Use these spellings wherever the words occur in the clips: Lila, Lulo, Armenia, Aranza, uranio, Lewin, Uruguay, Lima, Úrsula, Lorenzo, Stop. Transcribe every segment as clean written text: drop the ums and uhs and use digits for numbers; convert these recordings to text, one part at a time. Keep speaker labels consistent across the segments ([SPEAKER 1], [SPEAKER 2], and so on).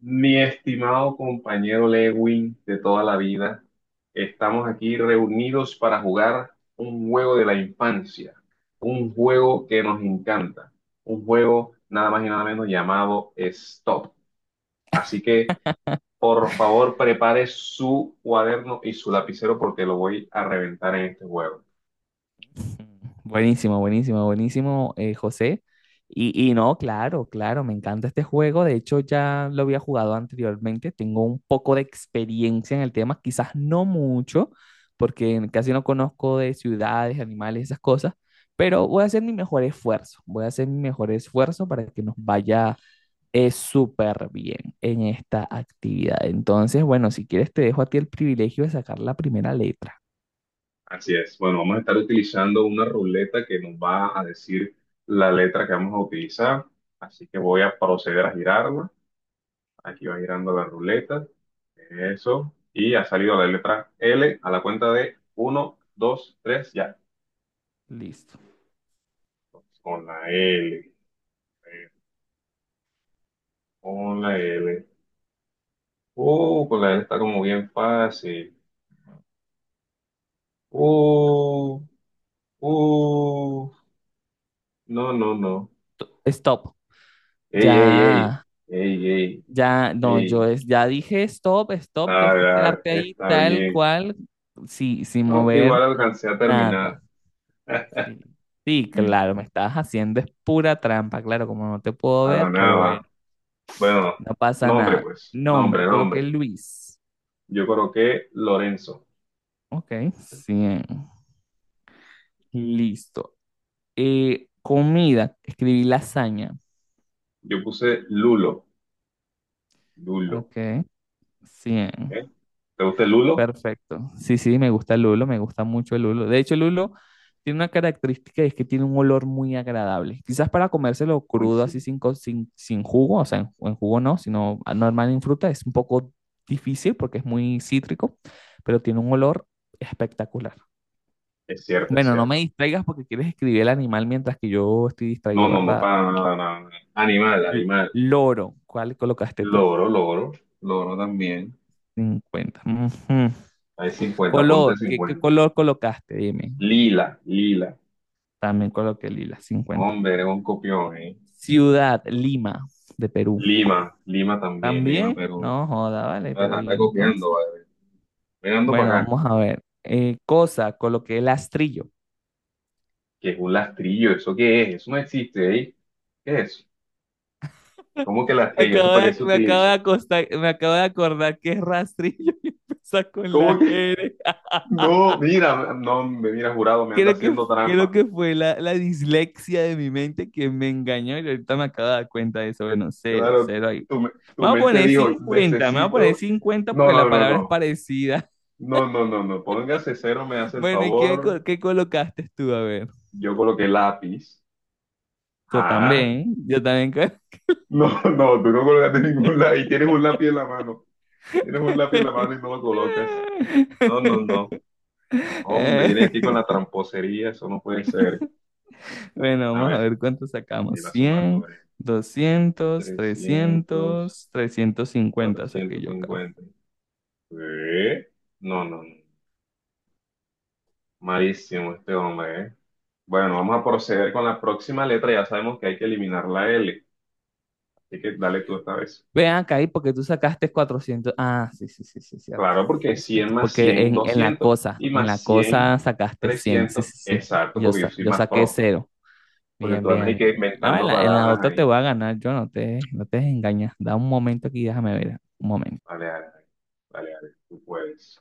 [SPEAKER 1] Mi estimado compañero Lewin de toda la vida, estamos aquí reunidos para jugar un juego de la infancia, un juego que nos encanta, un juego nada más y nada menos llamado Stop. Así que, por favor, prepare su cuaderno y su lapicero porque lo voy a reventar en este juego.
[SPEAKER 2] Buenísimo, buenísimo, buenísimo, José. Y no, claro, claro, me encanta este juego. De hecho, ya lo había jugado anteriormente. Tengo un poco de experiencia en el tema, quizás no mucho, porque casi no conozco de ciudades, animales, esas cosas, pero voy a hacer mi mejor esfuerzo. Voy a hacer mi mejor esfuerzo para que nos vaya súper bien en esta actividad. Entonces, bueno, si quieres, te dejo a ti el privilegio de sacar la primera letra.
[SPEAKER 1] Así es. Bueno, vamos a estar utilizando una ruleta que nos va a decir la letra que vamos a utilizar. Así que voy a proceder a girarla. Aquí va girando la ruleta. Eso. Y ha salido la letra L a la cuenta de uno, 2, 3, ya.
[SPEAKER 2] Listo.
[SPEAKER 1] Con la L. Con la L. Con la L está como bien fácil. Uh, uh. No, no, no.
[SPEAKER 2] Stop.
[SPEAKER 1] Ey, ey, ey.
[SPEAKER 2] Ya,
[SPEAKER 1] Ey, ey,
[SPEAKER 2] ya, no,
[SPEAKER 1] ey.
[SPEAKER 2] ya dije stop, stop, tienes
[SPEAKER 1] Dale,
[SPEAKER 2] que
[SPEAKER 1] dale,
[SPEAKER 2] quedarte ahí
[SPEAKER 1] está
[SPEAKER 2] tal
[SPEAKER 1] bien.
[SPEAKER 2] cual, sí, sin
[SPEAKER 1] No, igual
[SPEAKER 2] mover
[SPEAKER 1] alcancé a terminar.
[SPEAKER 2] nada. Sí, sí, claro, me estabas haciendo es pura trampa, claro, como no te puedo
[SPEAKER 1] Para
[SPEAKER 2] ver, pero
[SPEAKER 1] nada.
[SPEAKER 2] bueno,
[SPEAKER 1] Bueno,
[SPEAKER 2] no pasa
[SPEAKER 1] nombre
[SPEAKER 2] nada.
[SPEAKER 1] pues.
[SPEAKER 2] Nombre,
[SPEAKER 1] Nombre,
[SPEAKER 2] coloqué
[SPEAKER 1] nombre.
[SPEAKER 2] Luis.
[SPEAKER 1] Yo coloqué Lorenzo.
[SPEAKER 2] Ok, 100. Listo. Comida, escribí lasaña.
[SPEAKER 1] Yo puse Lulo. Lulo.
[SPEAKER 2] Ok, 100.
[SPEAKER 1] ¿Eh? ¿Te gusta el Lulo?
[SPEAKER 2] Perfecto. Sí, sí, me gusta el lulo, me gusta mucho el lulo. De hecho, el lulo tiene una característica y es que tiene un olor muy agradable. Quizás para comérselo
[SPEAKER 1] Uy,
[SPEAKER 2] crudo, así
[SPEAKER 1] sí.
[SPEAKER 2] sin, co- sin, sin jugo, o sea, en jugo no, sino normal en fruta, es un poco difícil porque es muy cítrico, pero tiene un olor espectacular.
[SPEAKER 1] Es cierto, es
[SPEAKER 2] Bueno, no me
[SPEAKER 1] cierto.
[SPEAKER 2] distraigas porque quieres escribir el animal mientras que yo estoy
[SPEAKER 1] No,
[SPEAKER 2] distraído,
[SPEAKER 1] no, no,
[SPEAKER 2] ¿verdad?
[SPEAKER 1] para nada, nada, nada. Animal,
[SPEAKER 2] L-
[SPEAKER 1] animal.
[SPEAKER 2] loro, ¿cuál colocaste tú?
[SPEAKER 1] Loro, loro, loro también.
[SPEAKER 2] 50. Ujú.
[SPEAKER 1] Hay 50, ponte
[SPEAKER 2] Color, ¿qué
[SPEAKER 1] 50.
[SPEAKER 2] color colocaste? Dime.
[SPEAKER 1] Lila, lila.
[SPEAKER 2] También coloqué Lila, 50.
[SPEAKER 1] Hombre, eres un copión, ¿eh?
[SPEAKER 2] Ciudad, Lima, de Perú.
[SPEAKER 1] Lima, Lima también, Lima,
[SPEAKER 2] También,
[SPEAKER 1] Perú.
[SPEAKER 2] no joda, vale, pero
[SPEAKER 1] Ajá,
[SPEAKER 2] ¿y
[SPEAKER 1] anda copiando,
[SPEAKER 2] entonces?
[SPEAKER 1] vale. Venando
[SPEAKER 2] Bueno,
[SPEAKER 1] para acá.
[SPEAKER 2] vamos a ver. Cosa, coloqué rastrillo.
[SPEAKER 1] ¿Qué es un lastrillo? ¿Eso qué es? Eso no existe, ¿eh? ¿Qué es? ¿Cómo que
[SPEAKER 2] Me
[SPEAKER 1] lastrillo? ¿Eso
[SPEAKER 2] acabo
[SPEAKER 1] para qué
[SPEAKER 2] de,
[SPEAKER 1] se
[SPEAKER 2] me acabo de
[SPEAKER 1] utiliza?
[SPEAKER 2] acostar- me acabo de acordar que es rastrillo y empieza con
[SPEAKER 1] ¿Cómo
[SPEAKER 2] la
[SPEAKER 1] que?
[SPEAKER 2] R.
[SPEAKER 1] No, mira, no, me mira jurado, me anda
[SPEAKER 2] Creo que,
[SPEAKER 1] haciendo
[SPEAKER 2] creo
[SPEAKER 1] trampa.
[SPEAKER 2] que fue la dislexia de mi mente que me engañó y ahorita me acabo de dar cuenta de eso. Bueno, 0,
[SPEAKER 1] Claro,
[SPEAKER 2] 0 ahí. Me
[SPEAKER 1] tu
[SPEAKER 2] voy a
[SPEAKER 1] mente
[SPEAKER 2] poner
[SPEAKER 1] dijo,
[SPEAKER 2] 50. Me voy a poner
[SPEAKER 1] necesito.
[SPEAKER 2] 50
[SPEAKER 1] No,
[SPEAKER 2] porque la
[SPEAKER 1] no, no,
[SPEAKER 2] palabra es
[SPEAKER 1] no.
[SPEAKER 2] parecida.
[SPEAKER 1] No, no, no, no. Póngase cero, me hace el
[SPEAKER 2] Bueno, ¿y qué,
[SPEAKER 1] favor.
[SPEAKER 2] co- qué colocaste tú? A ver.
[SPEAKER 1] Yo coloqué lápiz.
[SPEAKER 2] Yo
[SPEAKER 1] Ah,
[SPEAKER 2] también, yo también.
[SPEAKER 1] no, no, tú no colocaste ningún lápiz. Y tienes un lápiz en la mano. Tienes un lápiz en la mano y no lo colocas. No, no, no. Hombre, viene aquí con
[SPEAKER 2] Eh,
[SPEAKER 1] la tramposería, eso no puede ser.
[SPEAKER 2] Bueno,
[SPEAKER 1] A
[SPEAKER 2] vamos a
[SPEAKER 1] ver,
[SPEAKER 2] ver cuánto
[SPEAKER 1] y
[SPEAKER 2] sacamos.
[SPEAKER 1] la suma
[SPEAKER 2] 100,
[SPEAKER 1] sobre
[SPEAKER 2] 200,
[SPEAKER 1] 300,
[SPEAKER 2] 300, 350 saqué
[SPEAKER 1] cuatrocientos
[SPEAKER 2] yo acá.
[SPEAKER 1] cincuenta. ¿Eh? No, no, no. Malísimo este hombre, ¿eh? Bueno, vamos a proceder con la próxima letra. Ya sabemos que hay que eliminar la L. Así que dale tú esta vez.
[SPEAKER 2] Ven acá y porque tú sacaste 400. Ah, sí, sí, sí, sí, cierto.
[SPEAKER 1] Claro,
[SPEAKER 2] Sí,
[SPEAKER 1] porque 100
[SPEAKER 2] cierto.
[SPEAKER 1] más
[SPEAKER 2] Porque
[SPEAKER 1] 100
[SPEAKER 2] en, en la
[SPEAKER 1] 200.
[SPEAKER 2] cosa,
[SPEAKER 1] Y
[SPEAKER 2] en
[SPEAKER 1] más
[SPEAKER 2] la
[SPEAKER 1] 100
[SPEAKER 2] cosa sacaste 100. Sí,
[SPEAKER 1] 300.
[SPEAKER 2] sí, sí.
[SPEAKER 1] Exacto,
[SPEAKER 2] Yo,
[SPEAKER 1] porque yo
[SPEAKER 2] sa-
[SPEAKER 1] soy
[SPEAKER 2] yo
[SPEAKER 1] más
[SPEAKER 2] saqué
[SPEAKER 1] pro.
[SPEAKER 2] 0.
[SPEAKER 1] Porque
[SPEAKER 2] Bien,
[SPEAKER 1] tú andas
[SPEAKER 2] bien,
[SPEAKER 1] ahí que
[SPEAKER 2] bien. No, en
[SPEAKER 1] inventando
[SPEAKER 2] la, en la
[SPEAKER 1] palabras
[SPEAKER 2] otra te
[SPEAKER 1] ahí.
[SPEAKER 2] voy a ganar, yo no te engañas. Da un momento aquí, déjame ver. Un momento.
[SPEAKER 1] Vale, vale, vale. Vale, vale, tú puedes.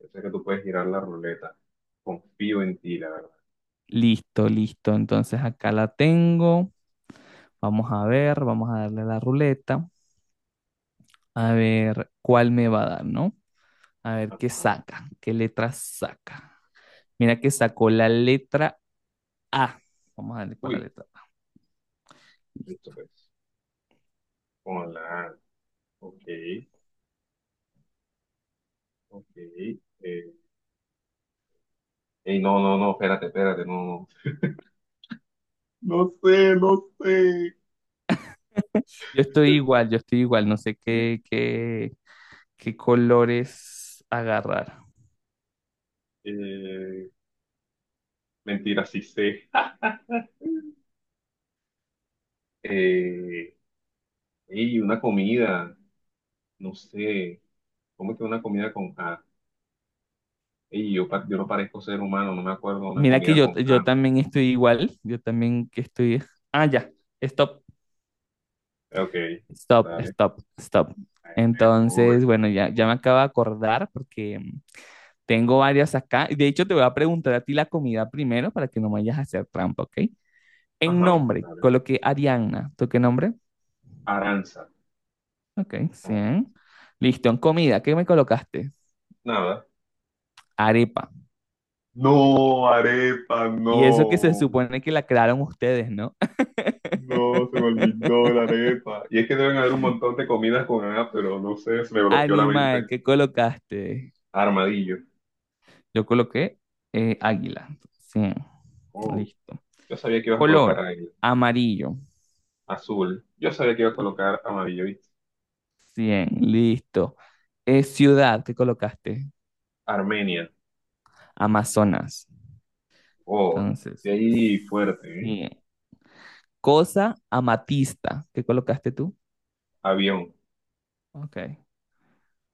[SPEAKER 1] Yo sé que tú puedes girar la ruleta. Confío en ti, la verdad.
[SPEAKER 2] Listo, listo. Entonces acá la tengo. Vamos a ver, vamos a darle a la ruleta. A ver cuál me va a dar, ¿no? A ver qué
[SPEAKER 1] Ajá.
[SPEAKER 2] saca, qué letra saca. Mira que sacó la letra A. Vamos a darle con la
[SPEAKER 1] Uy,
[SPEAKER 2] letra A.
[SPEAKER 1] listo pues. Hola. Ok, ok. eh, Ey, no, no, no, espérate, espérate, no. No sé, no sé.
[SPEAKER 2] Yo estoy igual, yo estoy igual. No sé qué colores agarrar.
[SPEAKER 1] Eh, mentira, sí sé. Eh, ey, una comida, no sé. ¿Cómo es que una comida con A? Ey, yo no parezco ser humano, no me acuerdo de una
[SPEAKER 2] Mira que
[SPEAKER 1] comida
[SPEAKER 2] yo,
[SPEAKER 1] con
[SPEAKER 2] yo
[SPEAKER 1] A.
[SPEAKER 2] también estoy igual, yo también que estoy. Ah, ya, stop,
[SPEAKER 1] Ok,
[SPEAKER 2] stop,
[SPEAKER 1] dale.
[SPEAKER 2] stop, stop.
[SPEAKER 1] Me tuve,
[SPEAKER 2] Entonces, bueno,
[SPEAKER 1] me
[SPEAKER 2] ya, ya me
[SPEAKER 1] tuve.
[SPEAKER 2] acabo de acordar porque tengo varias acá. De hecho, te voy a preguntar a ti la comida primero para que no me vayas a hacer trampa, ¿ok? En
[SPEAKER 1] Ajá,
[SPEAKER 2] nombre,
[SPEAKER 1] dale.
[SPEAKER 2] coloqué Arianna. ¿Tú qué nombre?
[SPEAKER 1] Aranza.
[SPEAKER 2] Ok,
[SPEAKER 1] Aranza.
[SPEAKER 2] 100. Listo, en comida, ¿qué me colocaste?
[SPEAKER 1] Nada.
[SPEAKER 2] Arepa.
[SPEAKER 1] No, arepa,
[SPEAKER 2] Y eso que se
[SPEAKER 1] no.
[SPEAKER 2] supone que la crearon ustedes, ¿no?
[SPEAKER 1] No, se me olvidó la arepa. Y es que deben haber un montón de comidas con A, pero no sé, se me bloqueó la
[SPEAKER 2] Animal,
[SPEAKER 1] mente.
[SPEAKER 2] ¿qué colocaste?
[SPEAKER 1] Armadillo.
[SPEAKER 2] Yo coloqué águila. 100.
[SPEAKER 1] Oh,
[SPEAKER 2] Listo.
[SPEAKER 1] yo sabía que ibas a colocar
[SPEAKER 2] Color,
[SPEAKER 1] ahí.
[SPEAKER 2] amarillo.
[SPEAKER 1] Azul. Yo sabía que ibas a colocar amarillo. ¿Viste?
[SPEAKER 2] 100. Listo. Ciudad, ¿qué colocaste?
[SPEAKER 1] Armenia.
[SPEAKER 2] Amazonas.
[SPEAKER 1] Oh, de
[SPEAKER 2] Entonces,
[SPEAKER 1] ahí fuerte, ¿eh?
[SPEAKER 2] 100. Cosa, amatista. ¿Qué colocaste tú?
[SPEAKER 1] Avión.
[SPEAKER 2] Ok.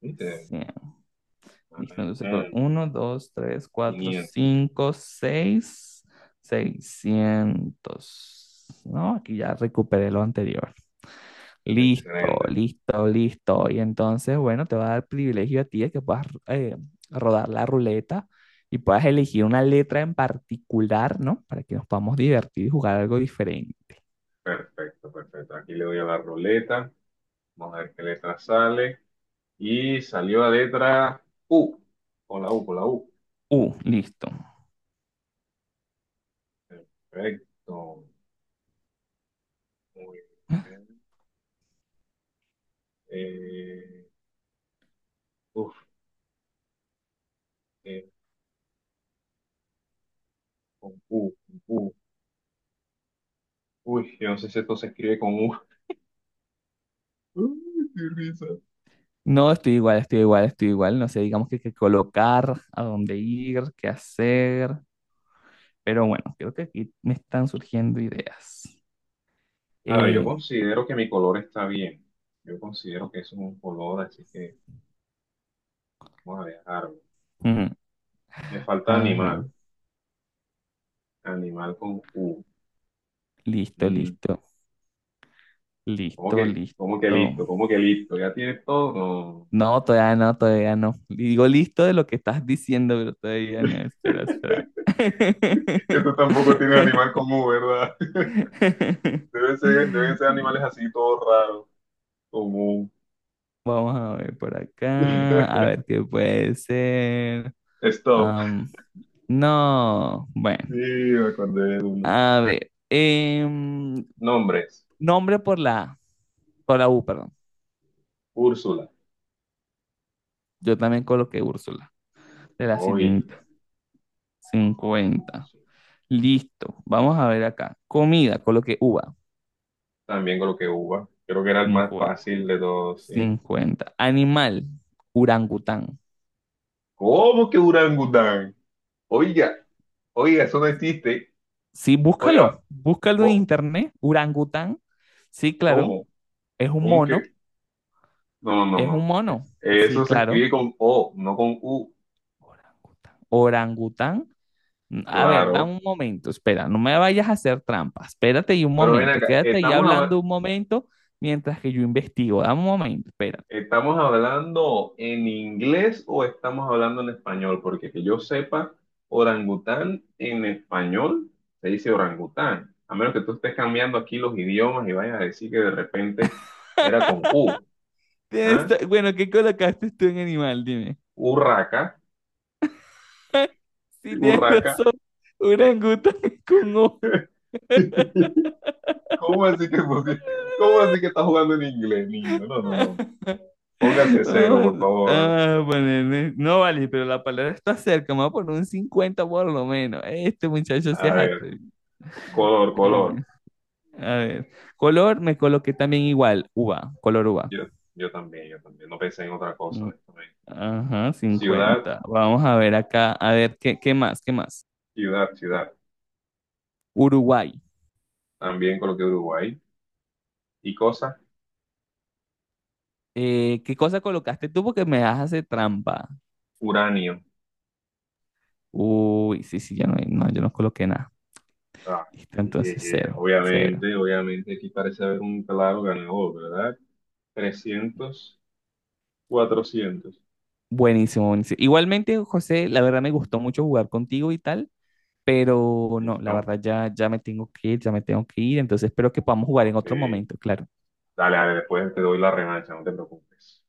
[SPEAKER 1] ¿Viste?
[SPEAKER 2] 100.
[SPEAKER 1] Ajá,
[SPEAKER 2] Listo. Entonces, uno, 2, 3, 4,
[SPEAKER 1] 500.
[SPEAKER 2] 5, 6, 600. No, aquí ya recuperé lo anterior. Listo,
[SPEAKER 1] Excelente.
[SPEAKER 2] listo, listo. Y entonces, bueno, te va a dar privilegio a ti de que puedas rodar la ruleta y puedas elegir una letra en particular, ¿no? Para que nos podamos divertir y jugar algo diferente.
[SPEAKER 1] Perfecto, perfecto. Aquí le doy a la ruleta. Vamos a ver qué letra sale. Y salió la letra U. Con la U, con la U.
[SPEAKER 2] Listo.
[SPEAKER 1] Perfecto. Muy bien. Eh, uf, eh, con U. Uy, yo no sé si esto se escribe con U. Uy, qué risa.
[SPEAKER 2] No, estoy igual, estoy igual, estoy igual. No sé, digamos que qué colocar, a dónde ir, qué hacer. Pero bueno, creo que aquí me están surgiendo ideas.
[SPEAKER 1] A ver, yo
[SPEAKER 2] Eh,
[SPEAKER 1] considero que mi color está bien. Yo considero que eso es un color, así que vamos a dejarlo.
[SPEAKER 2] mm,
[SPEAKER 1] Me falta animal.
[SPEAKER 2] ajá,
[SPEAKER 1] Animal con U.
[SPEAKER 2] listo,
[SPEAKER 1] Mm,
[SPEAKER 2] listo,
[SPEAKER 1] ¿cómo
[SPEAKER 2] listo,
[SPEAKER 1] que, cómo que
[SPEAKER 2] listo.
[SPEAKER 1] listo? ¿Cómo que listo? ¿Ya tienes todo? No.
[SPEAKER 2] No, todavía no, todavía no. Digo listo de lo que estás diciendo, pero todavía no. Espera, espera.
[SPEAKER 1] Que tú tampoco tienes animal con U, ¿verdad? Deben ser animales así, todos raros, con U.
[SPEAKER 2] Vamos a ver por acá, a ver qué puede ser.
[SPEAKER 1] Stop.
[SPEAKER 2] Am, no,
[SPEAKER 1] Sí,
[SPEAKER 2] bueno,
[SPEAKER 1] me acordé de uno.
[SPEAKER 2] a ver. em,
[SPEAKER 1] Nombres.
[SPEAKER 2] nombre por la U, perdón.
[SPEAKER 1] Úrsula.
[SPEAKER 2] Yo también coloqué Úrsula, de la
[SPEAKER 1] Oiga.
[SPEAKER 2] sirenita. 50.
[SPEAKER 1] Úrsula.
[SPEAKER 2] Listo, vamos a ver acá. Comida, coloqué uva.
[SPEAKER 1] También coloqué uva. Creo que era el más
[SPEAKER 2] 50.
[SPEAKER 1] fácil de todos, sí.
[SPEAKER 2] 50. Animal, orangután.
[SPEAKER 1] ¿Cómo que orangután? Oiga, oiga, eso no existe.
[SPEAKER 2] Sí,
[SPEAKER 1] Oiga,
[SPEAKER 2] búscalo, búscalo en
[SPEAKER 1] bo-
[SPEAKER 2] internet, orangután. Sí, claro,
[SPEAKER 1] ¿cómo?
[SPEAKER 2] es un
[SPEAKER 1] ¿Cómo
[SPEAKER 2] mono,
[SPEAKER 1] que? No, no, no.
[SPEAKER 2] es un
[SPEAKER 1] No.
[SPEAKER 2] mono. Sí,
[SPEAKER 1] Eso se
[SPEAKER 2] claro,
[SPEAKER 1] escribe con O, no con U.
[SPEAKER 2] orangután. Orangután. A ver, da
[SPEAKER 1] Claro.
[SPEAKER 2] un momento, espera, no me vayas a hacer trampa. Espérate ahí un
[SPEAKER 1] Pero ven
[SPEAKER 2] momento,
[SPEAKER 1] acá,
[SPEAKER 2] quédate ahí hablando un momento mientras que yo investigo. Dame un momento, espera.
[SPEAKER 1] ¿estamos hablando en inglés o estamos hablando en español? Porque que yo sepa, orangután en español se dice orangután, a menos que tú estés cambiando aquí los idiomas y vayas a decir que de repente era con U, ¿ah?
[SPEAKER 2] Bueno, ¿qué colocaste tú en animal? Dime.
[SPEAKER 1] Urraca,
[SPEAKER 2] Sí, tienes
[SPEAKER 1] urraca.
[SPEAKER 2] razón, orangután con O.
[SPEAKER 1] ¿Cómo así que, pusi- cómo así que estás jugando en inglés, niño? No, no, no. Póngase cero, por favor.
[SPEAKER 2] No vale, pero la palabra está cerca. Me voy a poner un 50 por lo menos. Este muchacho se
[SPEAKER 1] A
[SPEAKER 2] hace
[SPEAKER 1] ver,
[SPEAKER 2] atrevido.
[SPEAKER 1] color, color.
[SPEAKER 2] A ver. Color, me coloqué también igual. Uva, color uva.
[SPEAKER 1] Yo, yo, también, yo también. No pensé en otra cosa,
[SPEAKER 2] Mm,
[SPEAKER 1] honestamente.
[SPEAKER 2] ajá,
[SPEAKER 1] Ciudad.
[SPEAKER 2] 50. Vamos a ver acá. A ver, ¿qué más? ¿Qué más?
[SPEAKER 1] Ciudad, ciudad.
[SPEAKER 2] Uruguay.
[SPEAKER 1] También coloqué Uruguay. Y cosa,
[SPEAKER 2] ¿Qué cosa colocaste tú? Porque me das hacer trampa.
[SPEAKER 1] uranio.
[SPEAKER 2] Uy, sí, sí, ya no, no, yo no coloqué nada.
[SPEAKER 1] Ah,
[SPEAKER 2] Listo, entonces 0, 0.
[SPEAKER 1] obviamente, obviamente aquí parece haber un claro ganador, ¿verdad? 300, 400.
[SPEAKER 2] Buenísimo, buenísimo. Igualmente, José, la verdad me gustó mucho jugar contigo y tal, pero no, la
[SPEAKER 1] ¿Listo?
[SPEAKER 2] verdad ya, ya me tengo que ir, ya me tengo que ir, entonces espero que podamos jugar en
[SPEAKER 1] Ok.
[SPEAKER 2] otro momento, claro.
[SPEAKER 1] Dale, dale, después te doy la revancha, no te preocupes.